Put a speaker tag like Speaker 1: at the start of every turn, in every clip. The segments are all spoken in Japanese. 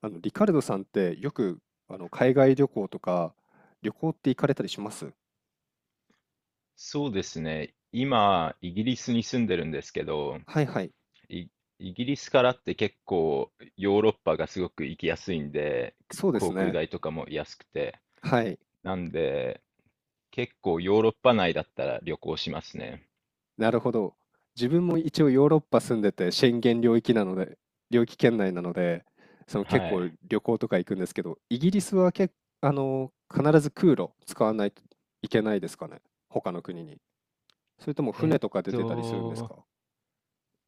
Speaker 1: リカルドさんってよく海外旅行とか旅行って行かれたりします？
Speaker 2: そうですね。今、イギリスに住んでるんですけど、
Speaker 1: はいはい。
Speaker 2: イ、イギリスからって結構ヨーロッパがすごく行きやすいんで、
Speaker 1: そうです
Speaker 2: 航空
Speaker 1: ね。
Speaker 2: 代とかも安くて。
Speaker 1: はい。
Speaker 2: なんで、結構ヨーロッパ内だったら旅行しますね。
Speaker 1: なるほど。自分も一応ヨーロッパ住んでてシェンゲン領域圏内なので、その結
Speaker 2: は
Speaker 1: 構
Speaker 2: い。
Speaker 1: 旅行とか行くんですけど、イギリスは必ず空路使わないといけないですかね。他の国に。それとも
Speaker 2: えっ
Speaker 1: 船とか出てたりするんです
Speaker 2: と、
Speaker 1: か？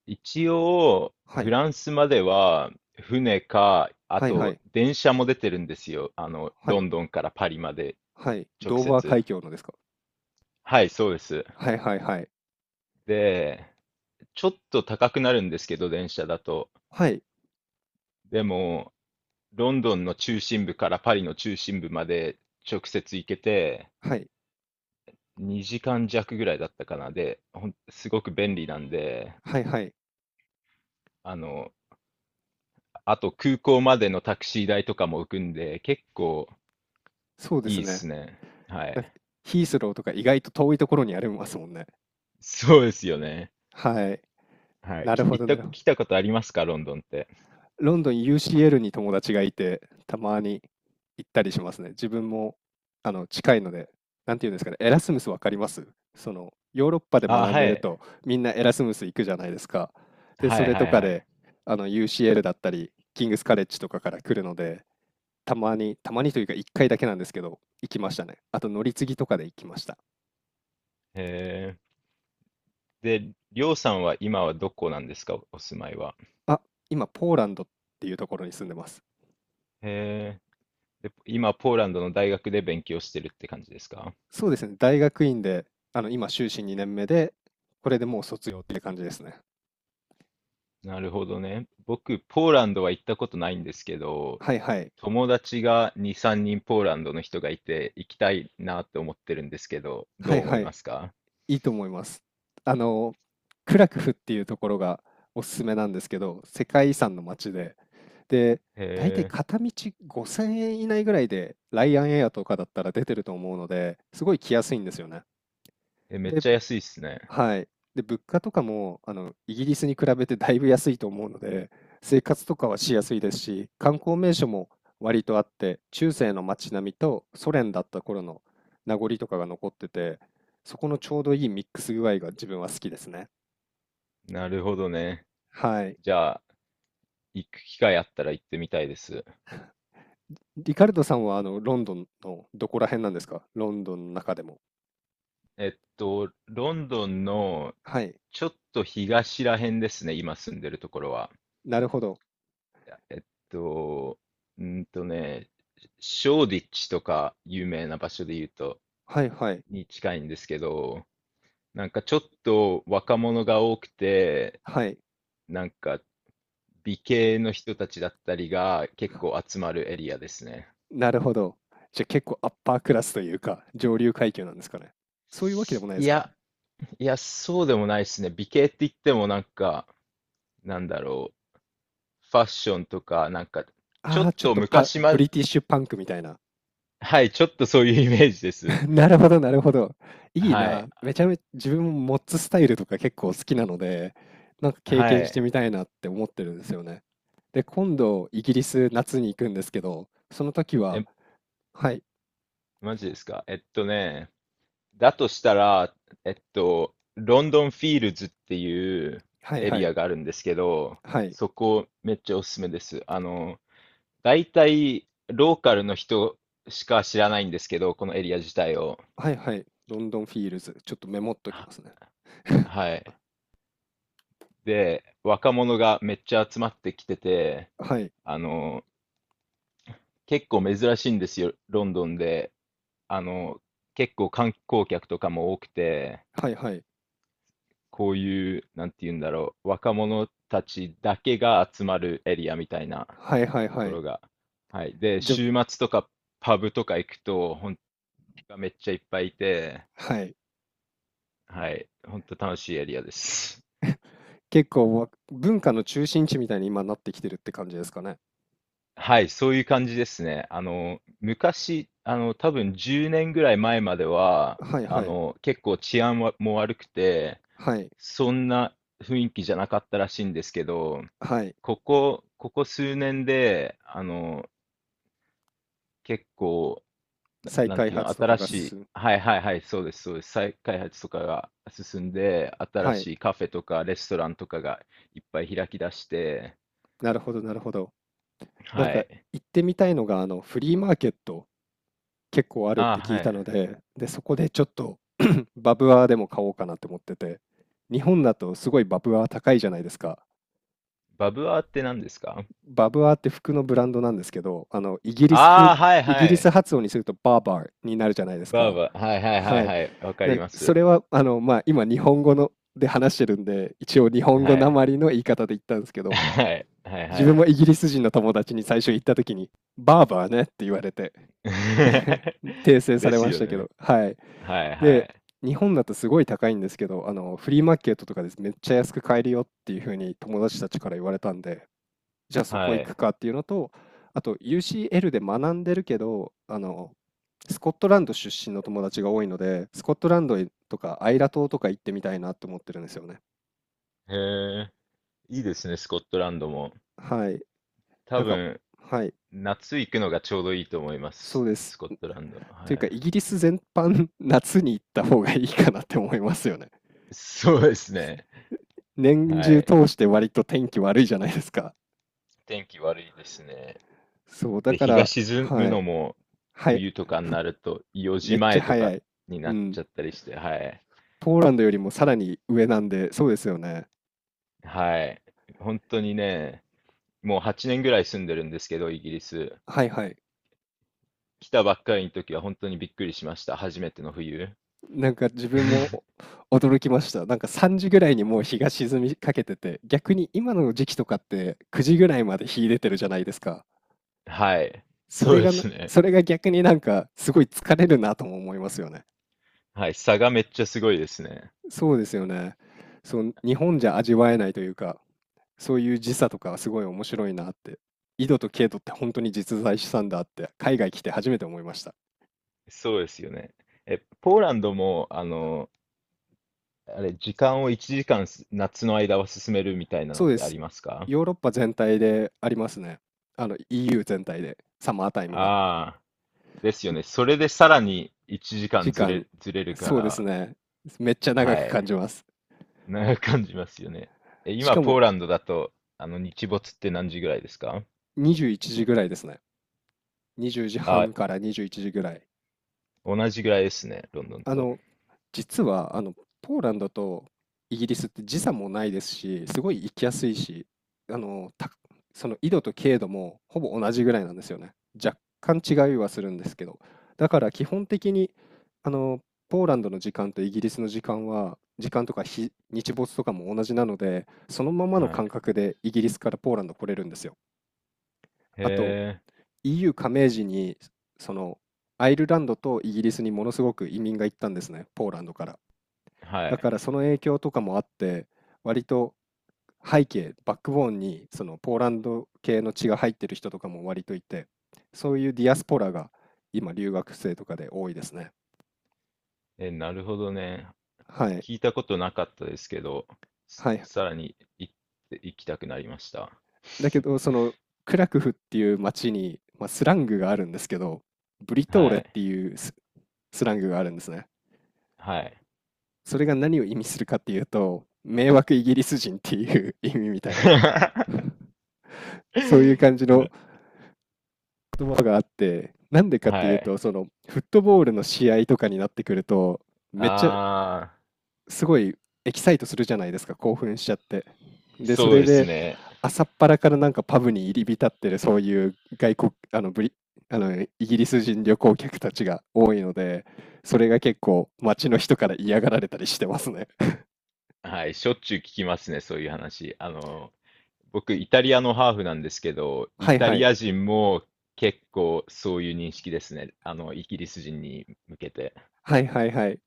Speaker 2: 一応、
Speaker 1: は
Speaker 2: フ
Speaker 1: い。
Speaker 2: ランスまでは船か、あ
Speaker 1: はいは
Speaker 2: と
Speaker 1: い。
Speaker 2: 電車も出てるんですよ。
Speaker 1: は
Speaker 2: ロ
Speaker 1: い。
Speaker 2: ンドンからパリまで
Speaker 1: はい。
Speaker 2: 直
Speaker 1: ドーバー
Speaker 2: 接。
Speaker 1: 海峡のですか？
Speaker 2: はい、そうです。
Speaker 1: はいはいはい。
Speaker 2: で、ちょっと高くなるんですけど、電車だと。
Speaker 1: はい。
Speaker 2: でも、ロンドンの中心部からパリの中心部まで直接行けて、
Speaker 1: はい。
Speaker 2: 2時間弱ぐらいだったかな。で、すごく便利なんで、
Speaker 1: はいはい。
Speaker 2: あの、あと空港までのタクシー代とかも浮くんで、結構
Speaker 1: そうで
Speaker 2: い
Speaker 1: す
Speaker 2: いっ
Speaker 1: ね。
Speaker 2: すね。は
Speaker 1: なんか、
Speaker 2: い。
Speaker 1: ヒースローとか意外と遠いところにありますもんね。
Speaker 2: そうですよね。
Speaker 1: はい。
Speaker 2: はい。
Speaker 1: なる
Speaker 2: き、
Speaker 1: ほ
Speaker 2: 行っ
Speaker 1: ど、な
Speaker 2: た、
Speaker 1: るほど。
Speaker 2: 来たことありますか、ロンドンって。
Speaker 1: ロンドン UCL に友達がいて、たまに行ったりしますね。自分も、近いので、なんていうんですかね、エラスムスわかります？その、ヨーロッパで
Speaker 2: あ、
Speaker 1: 学ん
Speaker 2: は
Speaker 1: でる
Speaker 2: い。
Speaker 1: と、みんなエラスムス行くじゃないですか。で、
Speaker 2: は
Speaker 1: そ
Speaker 2: い
Speaker 1: れ
Speaker 2: は
Speaker 1: と
Speaker 2: い
Speaker 1: か
Speaker 2: は
Speaker 1: で、
Speaker 2: い。
Speaker 1: UCL だったり、キングスカレッジとかから来るので、たまにたまにというか1回だけなんですけど、行きましたね。あと乗り継ぎとかで行きました。
Speaker 2: えー、で、りょうさんは今はどこなんですか、お住まいは。
Speaker 1: あ、今、ポーランドっていうところに住んでます。
Speaker 2: へえ。で、今、ポーランドの大学で勉強してるって感じですか？
Speaker 1: そうですね、大学院で、今、修士2年目で、これでもう卒業って感じですね。
Speaker 2: なるほどね。僕、ポーランドは行ったことないんですけど、
Speaker 1: はいはい。
Speaker 2: 友達が2、3人ポーランドの人がいて、行きたいなって思ってるんですけど、ど
Speaker 1: は
Speaker 2: う
Speaker 1: い
Speaker 2: 思
Speaker 1: は
Speaker 2: いま
Speaker 1: い。
Speaker 2: すか？
Speaker 1: いいと思います。あの、クラクフっていうところがおすすめなんですけど、世界遺産の街で、で、
Speaker 2: へ
Speaker 1: 大体片道5000円以内ぐらいで、ライアンエアとかだったら出てると思うので、すごい来やすいんですよね。
Speaker 2: え。え、めっ
Speaker 1: で、
Speaker 2: ちゃ安いっすね。
Speaker 1: はい。で、物価とかも、イギリスに比べてだいぶ安いと思うので、生活とかはしやすいですし、観光名所も割とあって、中世の街並みとソ連だった頃の名残とかが残ってて、そこのちょうどいいミックス具合が自分は好きですね。
Speaker 2: なるほどね。
Speaker 1: はい。
Speaker 2: じゃあ、行く機会あったら行ってみたいです。
Speaker 1: リカルドさんは、ロンドンのどこら辺なんですか？ロンドンの中でも。
Speaker 2: えっと、ロンドンの
Speaker 1: はい。
Speaker 2: ちょっと東ら辺ですね、今住んでるところは。
Speaker 1: なるほど。
Speaker 2: えっと、うーんとね、ショーディッチとか有名な場所で言うと、
Speaker 1: はいはい。
Speaker 2: に近いんですけど、なんかちょっと若者が多くて、
Speaker 1: はい。
Speaker 2: なんか美形の人たちだったりが結構集まるエリアですね。
Speaker 1: なるほど。じゃあ結構アッパークラスというか、上流階級なんですかね。そういうわけでもないで
Speaker 2: い
Speaker 1: すか？
Speaker 2: や、いや、そうでもないですね。美形って言ってもなんか、なんだろう、ファッションとか、なんか、ちょ
Speaker 1: あ
Speaker 2: っ
Speaker 1: あ、ちょっ
Speaker 2: と
Speaker 1: とパ
Speaker 2: 昔
Speaker 1: ブ
Speaker 2: ま、
Speaker 1: リティッシュパンクみたいな。
Speaker 2: はい、ちょっとそういうイメージです。
Speaker 1: なるほど、なるほど。いい
Speaker 2: は
Speaker 1: な。
Speaker 2: い、
Speaker 1: めちゃめちゃ自分もモッツスタイルとか結構好きなので、なんか経
Speaker 2: は
Speaker 1: 験して
Speaker 2: い。
Speaker 1: みたいなって思ってるんですよね。で、今度、イギリス夏に行くんですけど、その時は、はい、
Speaker 2: マジですか。えっとね、だとしたら、えっと、ロンドンフィールズっていう
Speaker 1: はい
Speaker 2: エ
Speaker 1: は
Speaker 2: リ
Speaker 1: い、
Speaker 2: アがあるんですけど、
Speaker 1: はい、
Speaker 2: そこめっちゃおすすめです。大体ローカルの人しか知らないんですけど、このエリア自体を。
Speaker 1: はいはい、ロンドンフィールズ。ちょっとメモっときま
Speaker 2: は、
Speaker 1: すね。
Speaker 2: はい。で、若者がめっちゃ集まってきてて、
Speaker 1: はい、
Speaker 2: あの、結構珍しいんですよ、ロンドンで。あの、結構観光客とかも多くて、
Speaker 1: はいはい、
Speaker 2: こういう、なんて言うんだろう、若者たちだけが集まるエリアみたいな
Speaker 1: はいはい
Speaker 2: と
Speaker 1: は
Speaker 2: こ
Speaker 1: い。
Speaker 2: ろが。はい。で、
Speaker 1: じゃ、
Speaker 2: 週末とかパブとか行くと、本当がめっちゃいっぱいいて、
Speaker 1: はい。
Speaker 2: はい。本当楽しいエリアです。
Speaker 1: 結構文化の中心地みたいに今なってきてるって感じですかね。
Speaker 2: はい。そういう感じですね。あの、昔、多分10年ぐらい前までは、
Speaker 1: はいはい、
Speaker 2: 結構治安はも悪くて、
Speaker 1: はい。
Speaker 2: そんな雰囲気じゃなかったらしいんですけど、
Speaker 1: はい。
Speaker 2: ここ数年で、あの、結構、
Speaker 1: 再
Speaker 2: なん
Speaker 1: 開
Speaker 2: ていうの、
Speaker 1: 発とか
Speaker 2: 新
Speaker 1: が
Speaker 2: しい、
Speaker 1: 進む。
Speaker 2: はいはいはい、そうです、そうです。再開発とかが進んで、新
Speaker 1: はい。
Speaker 2: しいカフェとかレストランとかがいっぱい開き出して、
Speaker 1: なるほど、なるほど。なん
Speaker 2: は
Speaker 1: か
Speaker 2: い。
Speaker 1: 行ってみたいのが、フリーマーケット結構あるっ
Speaker 2: ああ、
Speaker 1: て聞い
Speaker 2: は
Speaker 1: たの
Speaker 2: い。
Speaker 1: で、で、そこでちょっと バブアーでも買おうかなって思ってて、日本だとすごいバブアー高いじゃないですか。
Speaker 2: バブアーって何ですか？
Speaker 1: バブアーって服のブランドなんですけど、
Speaker 2: ああはい
Speaker 1: イギ
Speaker 2: は
Speaker 1: リス
Speaker 2: い。
Speaker 1: 発音にするとバーバーになるじゃないです
Speaker 2: バー
Speaker 1: か。
Speaker 2: バー、はいはいは
Speaker 1: は
Speaker 2: い
Speaker 1: い。
Speaker 2: はい、わかりま
Speaker 1: そ
Speaker 2: す。
Speaker 1: れは、まあ、今日本語ので話してるんで、一応日本語
Speaker 2: は
Speaker 1: な
Speaker 2: い。
Speaker 1: まりの言い方で言ったんですけ ど、
Speaker 2: はい、はい、
Speaker 1: 自
Speaker 2: は
Speaker 1: 分も
Speaker 2: い。
Speaker 1: イギリス人の友達に最初行った時に、バーバーねって言われて 訂 正さ
Speaker 2: で
Speaker 1: れ
Speaker 2: す
Speaker 1: まし
Speaker 2: よ
Speaker 1: たけ
Speaker 2: ね。
Speaker 1: ど、はい。
Speaker 2: はい、は
Speaker 1: で、
Speaker 2: い、
Speaker 1: 日本だとすごい高いんですけど、フリーマーケットとかです。めっちゃ安く買えるよっていうふうに友達たちから言われたんで、じゃあそ
Speaker 2: は
Speaker 1: こ
Speaker 2: い。
Speaker 1: 行く
Speaker 2: へ
Speaker 1: かっていうのと、あと UCL で学んでるけど、スコットランド出身の友達が多いので、スコットランドとかアイラ島とか行ってみたいなと思ってるんですよね。
Speaker 2: え、いいですね、スコットランドも。
Speaker 1: はい。
Speaker 2: 多
Speaker 1: なんか、
Speaker 2: 分、
Speaker 1: はい。
Speaker 2: 夏行くのがちょうどいいと思いま
Speaker 1: そ
Speaker 2: す。
Speaker 1: うです。
Speaker 2: スコットランド。は
Speaker 1: という
Speaker 2: い。
Speaker 1: か、イギリス全般、夏に行った方がいいかなって思いますよね。
Speaker 2: そうですね。
Speaker 1: 年
Speaker 2: は
Speaker 1: 中
Speaker 2: い。
Speaker 1: 通して割と天気悪いじゃないですか。
Speaker 2: 天気悪いですね。
Speaker 1: そう、だ
Speaker 2: で、
Speaker 1: か
Speaker 2: 日が
Speaker 1: ら、
Speaker 2: 沈む
Speaker 1: はい、
Speaker 2: のも
Speaker 1: はい、
Speaker 2: 冬とかになると4
Speaker 1: めっ
Speaker 2: 時
Speaker 1: ち
Speaker 2: 前
Speaker 1: ゃ
Speaker 2: とか
Speaker 1: 早い。
Speaker 2: に
Speaker 1: う
Speaker 2: なっちゃ
Speaker 1: ん。
Speaker 2: ったりして、はい。
Speaker 1: ポーランドよりもさらに上なんで、そうですよね。
Speaker 2: はい。本当にね、もう8年ぐらい住んでるんですけど、イギリス。
Speaker 1: はいはい。
Speaker 2: 来たばっかりの時は本当にびっくりしました。初めての冬。
Speaker 1: なんか自分も お驚きました。なんか3時ぐらいにもう日が沈みかけてて、逆に今の時期とかって9時ぐらいまで日出てるじゃないですか。
Speaker 2: はい。そうですね。
Speaker 1: それが逆になんかすごい疲れるなとも思いますよね。
Speaker 2: はい。差がめっちゃすごいですね。
Speaker 1: そうですよね。そう、日本じゃ味わえないというか、そういう時差とかはすごい面白いなって。緯度と経度って本当に実在したんだって、海外来て初めて思いました。
Speaker 2: そうですよね。え、ポーランドも、あの、あれ、時間を1時間す夏の間は進めるみたいなの
Speaker 1: そ
Speaker 2: っ
Speaker 1: うで
Speaker 2: てあ
Speaker 1: す。
Speaker 2: りますか？
Speaker 1: ヨーロッパ全体でありますね。EU 全体で、サマータイムが。
Speaker 2: ああ、ですよね。それでさらに1時
Speaker 1: 時
Speaker 2: 間
Speaker 1: 間、
Speaker 2: ずれるか
Speaker 1: そうです
Speaker 2: ら、
Speaker 1: ね。めっちゃ長
Speaker 2: は
Speaker 1: く
Speaker 2: い。
Speaker 1: 感じます。
Speaker 2: 長く感じますよね。え、
Speaker 1: し
Speaker 2: 今、
Speaker 1: か
Speaker 2: ポー
Speaker 1: も
Speaker 2: ランドだと、あの、日没って何時ぐらいですか？
Speaker 1: 21時ぐらいですね。20時
Speaker 2: あ、
Speaker 1: 半から21時ぐらい。
Speaker 2: 同じぐらいですね、ロンドン
Speaker 1: あ
Speaker 2: と。
Speaker 1: の、実は、ポーランドとイギリスって時差もないですし、すごい行きやすいし、あの、たその緯度と経度もほぼ同じぐらいなんですよね。若干違いはするんですけど。だから基本的に、あの、ポーランドの時間とイギリスの時間は、時間とか日没とかも同じなので、そのままの
Speaker 2: はい。
Speaker 1: 感覚でイギリスからポーランド来れるんですよ。
Speaker 2: へ
Speaker 1: あと、
Speaker 2: え、
Speaker 1: EU 加盟時に、その、アイルランドとイギリスにものすごく移民が行ったんですね、ポーランドから。
Speaker 2: は
Speaker 1: だか
Speaker 2: い。
Speaker 1: らその影響とかもあって、割とバックボーンにそのポーランド系の血が入ってる人とかも割といて、そういうディアスポラが今留学生とかで多いですね。
Speaker 2: え、なるほどね。
Speaker 1: はい。
Speaker 2: 聞いたことなかったですけど、す
Speaker 1: はい。
Speaker 2: さらに行って行きたくなりました。
Speaker 1: だけど、そのクラクフっていう町に、まあ、スラングがあるんですけど、ブリトーレ
Speaker 2: は
Speaker 1: っ
Speaker 2: い。
Speaker 1: ていうスラングがあるんですね。
Speaker 2: はい。
Speaker 1: それが何を意味するかっていうと、迷惑イギリス人っていう 意味みたいな、そういう感じ
Speaker 2: ね、
Speaker 1: の言葉があって、なんでかってい
Speaker 2: は
Speaker 1: う
Speaker 2: い。
Speaker 1: と、そのフットボールの試合とかになってくると、めっちゃ
Speaker 2: あ
Speaker 1: すごいエキサイトするじゃないですか。興奮しちゃって、
Speaker 2: あ、
Speaker 1: で、そ
Speaker 2: そう
Speaker 1: れ
Speaker 2: です
Speaker 1: で
Speaker 2: ね。
Speaker 1: 朝っぱらからなんかパブに入り浸ってる、そういう外国あのブリあのイギリス人旅行客たちが多いので、それが結構街の人から嫌がられたりしてますね。
Speaker 2: はい。しょっちゅう聞きますね、そういう話。あの、僕、イタリアのハーフなんですけど、イ
Speaker 1: はい、
Speaker 2: タ
Speaker 1: は
Speaker 2: リ
Speaker 1: い、
Speaker 2: ア人も結構そういう認識ですね。あの、イギリス人に向けて。
Speaker 1: はい、はい、はい。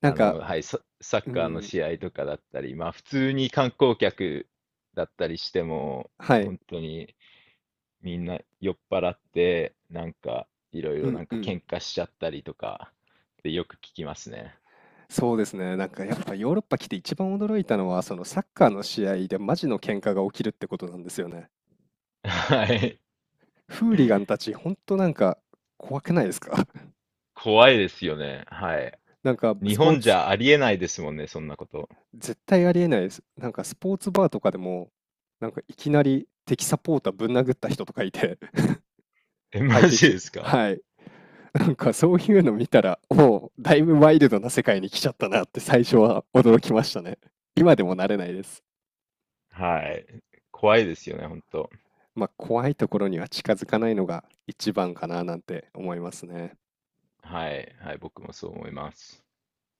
Speaker 1: なん
Speaker 2: あの、
Speaker 1: か、
Speaker 2: はい、サッ
Speaker 1: う
Speaker 2: カーの
Speaker 1: ん、
Speaker 2: 試合とかだったり、まあ普通に観光客だったりしても、
Speaker 1: はい、
Speaker 2: 本当にみんな酔っ払って、なんかいろい
Speaker 1: う
Speaker 2: ろな
Speaker 1: ん
Speaker 2: ん
Speaker 1: う
Speaker 2: か
Speaker 1: ん、
Speaker 2: 喧嘩しちゃったりとかってよく聞きますね。
Speaker 1: そうですね。なんかやっぱヨーロッパ来て一番驚いたのは、そのサッカーの試合でマジの喧嘩が起きるってことなんですよね。
Speaker 2: はい。
Speaker 1: フーリガンたち、ほんとなんか怖くないですか？
Speaker 2: 怖いですよね。はい。
Speaker 1: なんか
Speaker 2: 日
Speaker 1: スポー
Speaker 2: 本じ
Speaker 1: ツ、
Speaker 2: ゃありえないですもんね、そんなこと。
Speaker 1: 絶対ありえないです。なんかスポーツバーとかでも、なんかいきなり敵サポーターぶん殴った人とかいて、
Speaker 2: え、
Speaker 1: 相
Speaker 2: マ
Speaker 1: 手
Speaker 2: ジ
Speaker 1: チ
Speaker 2: ですか？
Speaker 1: はい。なんかそういうの見たら、もうだいぶワイルドな世界に来ちゃったなって最初は驚きましたね。今でも慣れないです。
Speaker 2: はい。怖いですよね、本当。
Speaker 1: まあ、怖いところには近づかないのが一番かななんて思いますね。
Speaker 2: はい。はい、僕もそう思います。